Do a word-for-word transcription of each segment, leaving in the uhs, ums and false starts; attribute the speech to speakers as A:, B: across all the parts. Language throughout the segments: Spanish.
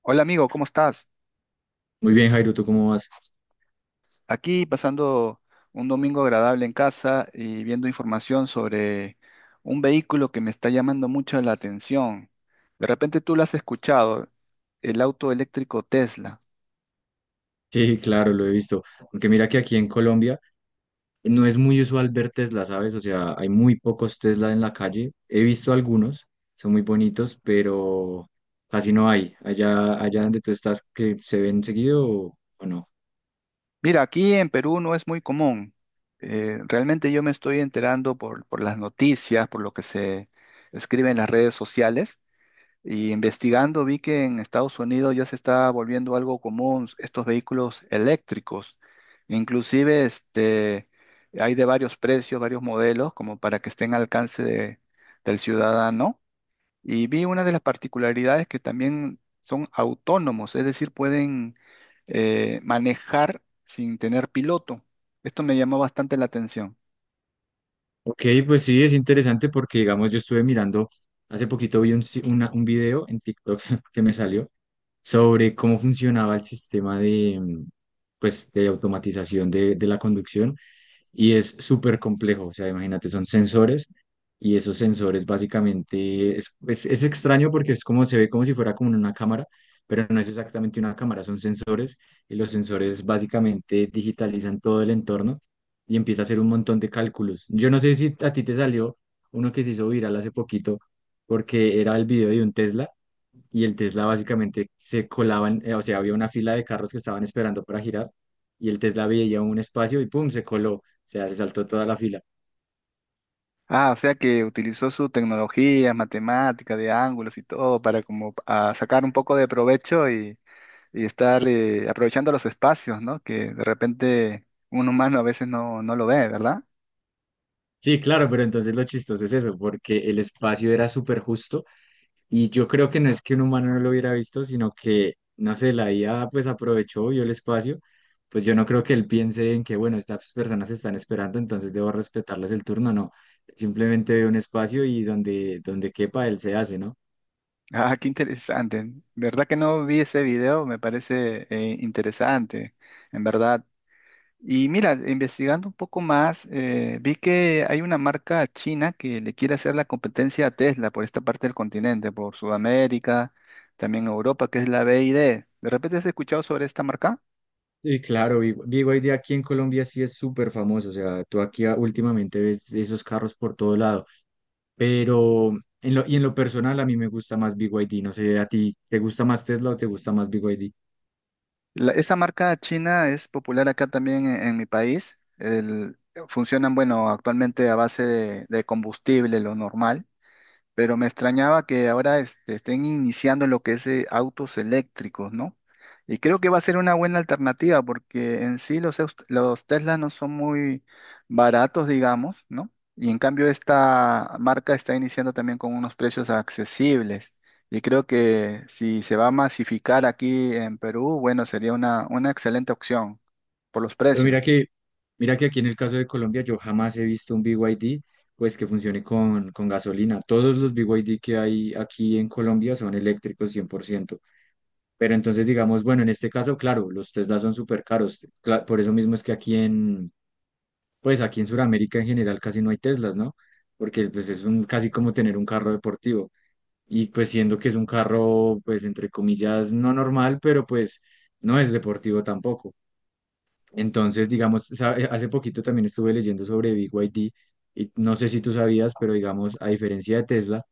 A: Hola amigo, ¿cómo estás?
B: Muy bien, Jairo, ¿tú cómo vas?
A: Aquí pasando un domingo agradable en casa y viendo información sobre un vehículo que me está llamando mucho la atención. De repente tú lo has escuchado, el auto eléctrico Tesla.
B: Sí, claro, lo he visto. Aunque mira que aquí en Colombia no es muy usual ver Tesla, ¿sabes? O sea, hay muy pocos Tesla en la calle. He visto algunos, son muy bonitos, pero casi no hay. Allá, allá donde tú estás, que se ven seguido o, o no.
A: Mira, aquí en Perú no es muy común. Eh, realmente yo me estoy enterando por, por las noticias, por lo que se escribe en las redes sociales, y investigando vi que en Estados Unidos ya se está volviendo algo común estos vehículos eléctricos. Inclusive este, hay de varios precios, varios modelos, como para que estén al alcance de- del ciudadano. Y vi una de las particularidades que también son autónomos, es decir, pueden eh, manejar sin tener piloto. Esto me llamó bastante la atención.
B: Ok, pues sí, es interesante porque, digamos, yo estuve mirando, hace poquito vi un, si- una- un video en TikTok que me salió sobre cómo funcionaba el sistema de, mm, pues, de automatización de de la conducción y es súper complejo. O sea, imagínate, son sensores y esos sensores básicamente es, es, es extraño porque es como se ve como si fuera como una cámara, pero no es exactamente una cámara, son sensores y los sensores básicamente digitalizan todo el entorno y empieza a hacer un montón de cálculos. Yo no sé si a ti te salió uno que se hizo viral hace poquito porque era el video de un Tesla y el Tesla básicamente se colaban, eh, o sea, había una fila de carros que estaban esperando para girar y el Tesla veía un espacio y pum, se coló, o sea, se saltó toda la fila.
A: Ah, o sea que utilizó su tecnología, matemática, de ángulos y todo para como a sacar un poco de provecho y, y estar eh, aprovechando los espacios, ¿no? Que de repente un humano a veces no, no lo ve, ¿verdad?
B: Sí, claro, pero entonces lo chistoso es eso, porque el espacio era súper justo y yo creo que no es que un humano no lo hubiera visto, sino que, no sé, la I A pues aprovechó, vio el espacio, pues yo no creo que él piense en que, bueno, estas personas están esperando, entonces debo respetarles el turno, no, simplemente ve un espacio y donde, donde quepa él se hace, ¿no?
A: Ah, qué interesante. ¿Verdad que no vi ese video? Me parece eh, interesante. En verdad, y mira, investigando un poco más, eh, vi que hay una marca china que le quiere hacer la competencia a Tesla por esta parte del continente, por Sudamérica, también Europa, que es la B Y D. ¿De repente has escuchado sobre esta marca?
B: Sí, claro, Big Big Y D aquí en Colombia sí es súper famoso, o sea, tú aquí a- últimamente ves esos carros por todo lado, pero en lo, y en lo personal a mí me gusta más Big Y D. No sé, a ti, ¿te gusta más Tesla o te gusta más Big Y D?
A: La- esa marca china es popular acá también en, en mi país. El- funcionan, bueno, actualmente a base de, de combustible, lo normal. Pero me extrañaba que ahora este, estén iniciando lo que es eh, autos eléctricos, ¿no? Y creo que va a ser una buena alternativa porque en sí los, eus- los Tesla no son muy baratos, digamos, ¿no? Y en cambio esta marca está iniciando también con unos precios accesibles. Y creo que si se va a masificar aquí en Perú, bueno, sería una, una excelente opción por los
B: Pero
A: precios.
B: mira que, mira que aquí en el caso de Colombia yo jamás he visto un Big Y D pues que funcione con, con gasolina, todos los Big Y D que hay aquí en Colombia son eléctricos cien por ciento. Pero entonces digamos, bueno, en este caso, claro, los Tesla son súper caros, cla- por eso mismo es que aquí en, pues aquí en Sudamérica en general casi no hay Teslas, ¿no? Porque pues es un, casi como tener un carro deportivo. Y pues siendo que es un carro, pues entre comillas, no normal, pero pues no es deportivo tampoco. Entonces, digamos, sa- hace poquito también estuve leyendo sobre B Y D y D y no sé si tú sabías, pero digamos, a diferencia de Tesla,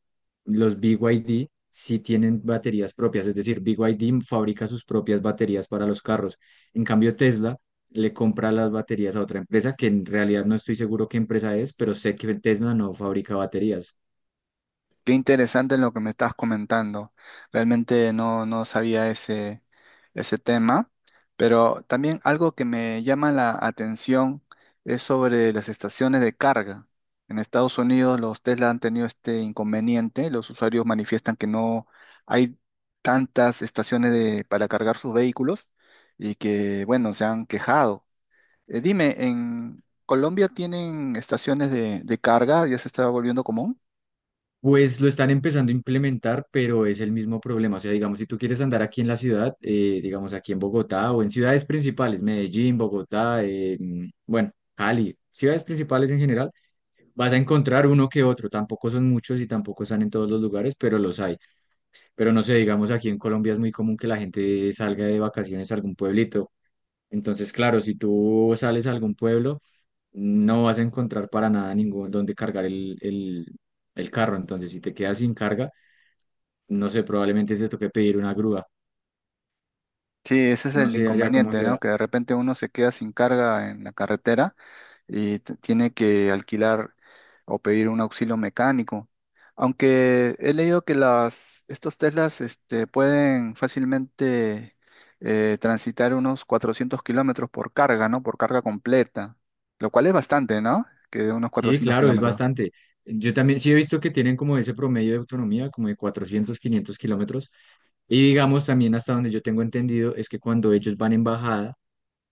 B: los B Y D sí tienen baterías propias, es decir, B Y D fabrica sus propias baterías para los carros. En cambio, Tesla le compra las baterías a otra empresa que en realidad no estoy seguro qué empresa es, pero sé que Tesla no fabrica baterías.
A: Qué interesante lo que me estás comentando. Realmente no, no sabía ese, ese tema, pero también algo que me llama la atención es sobre las estaciones de carga. En Estados Unidos los Tesla han tenido este inconveniente. Los usuarios manifiestan que no hay tantas estaciones de- para cargar sus vehículos y que, bueno, se han quejado. Eh, dime, ¿en Colombia tienen estaciones de, de carga? ¿Ya se está volviendo común?
B: Pues lo están empezando a implementar, pero es el mismo problema. O sea, digamos, si tú quieres andar aquí en la ciudad, eh, digamos aquí en Bogotá o en ciudades principales, Medellín, Bogotá, eh, mm, bueno, Cali, ciudades principales en general, vas a encontrar uno que otro. Tampoco son muchos y tampoco están en todos los lugares, pero los hay. Pero no sé, digamos, aquí en Colombia es muy común que la gente salga de vacaciones a algún pueblito. Entonces, claro, si tú sales a algún pueblo, no vas a encontrar para nada ningún donde cargar el, el el carro. Entonces, si te quedas sin carga, no sé, probablemente te toque pedir una grúa,
A: Sí, ese es
B: no
A: el
B: sé allá cómo
A: inconveniente, ¿no?
B: sea.
A: Que de repente uno se queda sin carga en la carretera y t- tiene que alquilar o pedir un auxilio mecánico. Aunque he leído que las, estos Teslas este, pueden fácilmente eh, transitar unos cuatrocientos kilómetros por carga, ¿no? Por carga completa, lo cual es bastante, ¿no? Que de unos
B: Sí,
A: cuatrocientos
B: claro, es
A: kilómetros.
B: bastante. Yo también sí he visto que tienen como ese promedio de autonomía, como de cuatrocientos quinientos kilómetros. Y digamos también hasta donde yo tengo entendido es que cuando ellos van en bajada,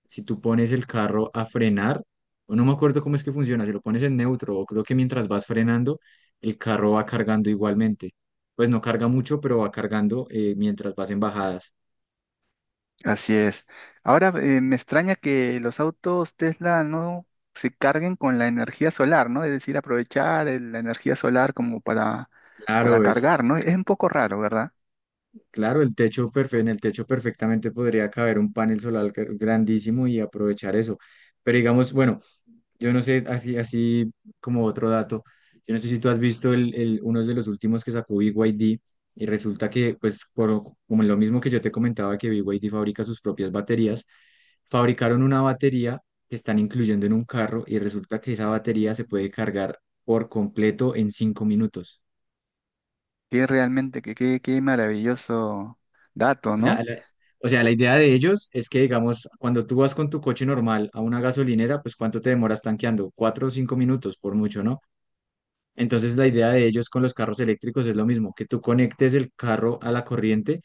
B: si tú pones el carro a frenar, o no me acuerdo cómo es que funciona, si lo pones en neutro o creo que mientras vas frenando, el carro va cargando igualmente. Pues no carga mucho, pero va cargando eh, mientras vas en bajadas.
A: Así es. Ahora eh, me extraña que los autos Tesla no se carguen con la energía solar, ¿no? Es decir, aprovechar el- la energía solar como para, para
B: Claro,
A: cargar,
B: es
A: ¿no? Es un poco raro, ¿verdad?
B: Claro, el techo perfe- en el techo perfectamente podría caber un panel solar gr- grandísimo y aprovechar eso. Pero digamos, bueno, yo no sé, así, así como otro dato, yo no sé si tú has visto el, el- uno de los últimos que sacó B Y D y D y resulta que, pues, por, como lo mismo que yo te comentaba que B Y D fabrica sus propias baterías, fabricaron una batería que están incluyendo en un carro y resulta que esa batería se puede cargar por completo en cinco minutos.
A: Que realmente, que, que- qué maravilloso dato,
B: O sea,
A: ¿no?
B: la, o sea, la idea de ellos es que, digamos, cuando tú vas con tu coche normal a una gasolinera, pues ¿cuánto te demoras tanqueando? Cuatro o cinco minutos, por mucho, ¿no? Entonces, la idea de ellos con los carros eléctricos es lo mismo, que tú conectes el carro a la corriente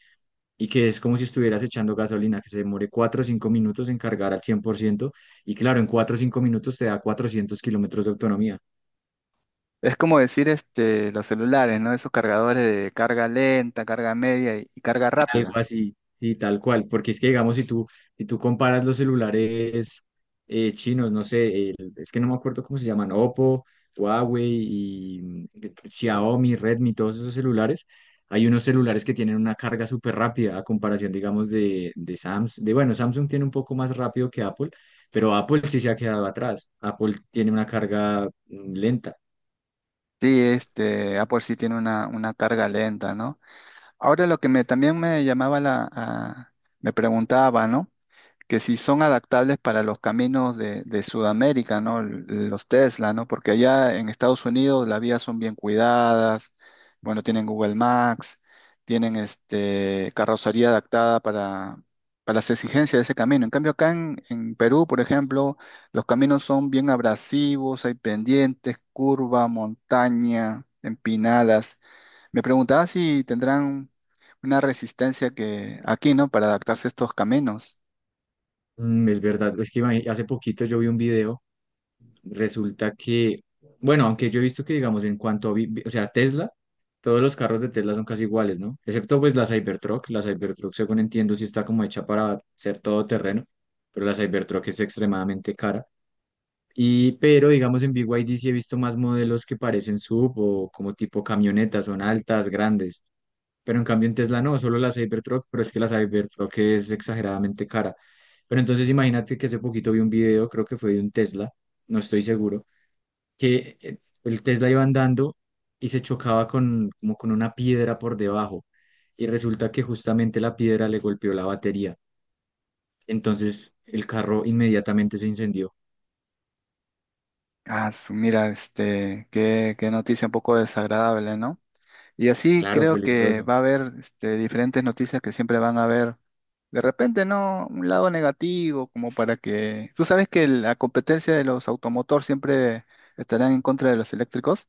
B: y que es como si estuvieras echando gasolina, que se demore cuatro o cinco minutos en cargar al cien por ciento. Y claro, en cuatro o cinco minutos te da cuatrocientos kilómetros de autonomía.
A: Es como decir este, los celulares, ¿no? Esos cargadores de carga lenta, carga media y, y carga
B: Algo
A: rápida.
B: así, y tal cual, porque es que digamos, si tú, si tú comparas los celulares eh, chinos, no sé, el- es que no me acuerdo cómo se llaman, Oppo, Huawei y mm, Xiaomi, Redmi, todos esos celulares, hay unos celulares que tienen una carga súper rápida a comparación, digamos, de, de Samsung, de bueno, Samsung tiene un poco más rápido que Apple, pero Apple sí se ha quedado atrás, Apple tiene una carga mm, lenta.
A: Sí, este, Apple sí tiene una, una carga lenta, ¿no? Ahora lo que me, también me llamaba la, a- me preguntaba, ¿no? Que si son adaptables para los caminos de, de Sudamérica, ¿no? L- Los Tesla, ¿no? Porque allá en Estados Unidos las vías son bien cuidadas, bueno, tienen Google Maps, tienen este, carrocería adaptada para, para las exigencias de ese camino. En cambio, acá en, en Perú, por ejemplo, los caminos son bien abrasivos, hay pendientes, curva, montaña, empinadas. Me preguntaba si tendrán una resistencia que aquí, ¿no? Para adaptarse a estos caminos.
B: Mm, Es verdad, es que imagi- hace poquito yo vi un video. Resulta que, bueno, aunque yo he visto que, digamos, en cuanto a, vi- vi- o sea, Tesla, todos los carros de Tesla son casi iguales, ¿no? Excepto pues la Cybertruck. La Cybertruck, según entiendo, sí está como hecha para ser todoterreno, pero la Cybertruck es extremadamente cara. Y, pero, digamos, en B Y D sí he visto más modelos que parecen S U V o como tipo camionetas, son altas, grandes. Pero en cambio en Tesla no, solo la Cybertruck, pero es que la Cybertruck es exageradamente cara. Pero entonces imagínate que hace poquito vi un video, creo que fue de un Tesla, no estoy seguro que eh, el Tesla iba andando y se chocaba con, como con una piedra por debajo. Y resulta que justamente la piedra le golpeó la batería. Entonces el carro inmediatamente se incendió.
A: Ah, su- mira, este, qué, qué noticia un poco desagradable, ¿no? Y así
B: Claro,
A: creo que
B: peligroso.
A: va a haber este, diferentes noticias que siempre van a haber, de repente, ¿no? Un lado negativo, como para que... Tú sabes que la competencia de los automotor siempre estarán en contra de los eléctricos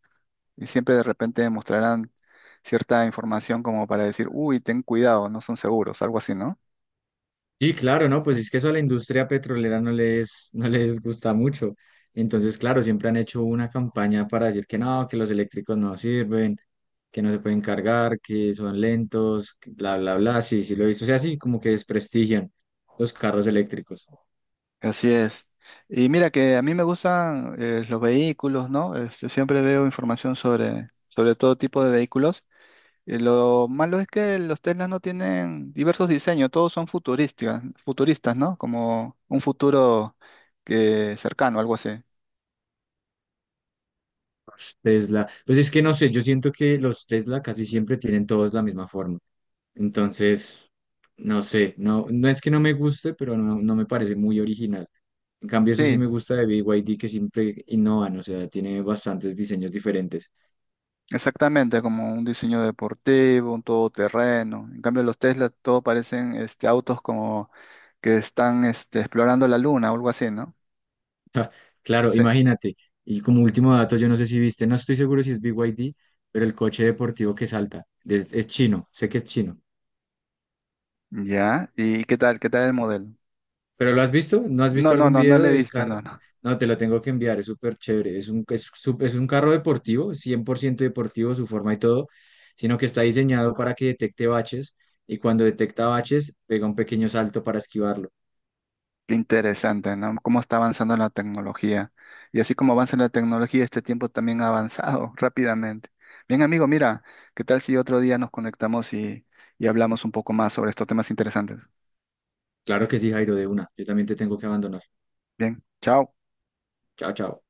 A: y siempre de repente mostrarán cierta información como para decir, uy, ten cuidado, no son seguros, algo así, ¿no?
B: Sí, claro, ¿no? Pues es que eso a la industria petrolera no les, no les gusta mucho. Entonces, claro, siempre han hecho una campaña para decir que no, que los eléctricos no sirven, que no se pueden cargar, que son lentos, que bla, bla, bla. Sí, sí lo he visto. O sea, sí, como que desprestigian los carros eléctricos.
A: Así es. Y mira que a mí me gustan eh, los vehículos, ¿no? Este, siempre veo información sobre, sobre todo tipo de vehículos. Y lo malo es que los Teslas no tienen diversos diseños, todos son futurísticas, futuristas, ¿no? Como un futuro que cercano, algo así.
B: Tesla. Pues es que no sé, yo siento que los Tesla casi siempre tienen todos la misma forma. Entonces, no sé, no, no es que no me guste, pero no, no me parece muy original. En cambio, eso sí
A: Sí,
B: me gusta de B Y D que siempre innovan, o sea, tiene bastantes diseños diferentes.
A: exactamente, como un diseño deportivo, un todoterreno. En cambio, los Teslas todo parecen este, autos como que están este, explorando la luna o algo así, ¿no?
B: Ja, claro,
A: Sí.
B: imagínate. Y como último dato, yo no sé si viste, no estoy seguro si es B Y D, pero el coche deportivo que salta es, es chino, sé que es chino.
A: Ya, ¿y qué tal? ¿Qué tal el modelo?
B: ¿Pero lo has visto? ¿No has
A: No,
B: visto
A: no,
B: algún
A: no, no
B: video
A: lo he
B: del
A: visto,
B: carro?
A: no, no.
B: No, te lo tengo que enviar, es súper chévere. Es un, es, su- es un carro deportivo, cien por ciento deportivo, su forma y todo, sino que está diseñado para que detecte baches y cuando detecta baches, pega un pequeño salto para esquivarlo.
A: Qué interesante, ¿no? Cómo está avanzando la tecnología. Y así como avanza la tecnología, este tiempo también ha avanzado rápidamente. Bien, amigo, mira, ¿qué tal si otro día nos conectamos y, y hablamos un poco más sobre estos temas interesantes?
B: Claro que sí, Jairo, de una. Yo también te tengo que abandonar.
A: Bien, chao.
B: Chao, chao.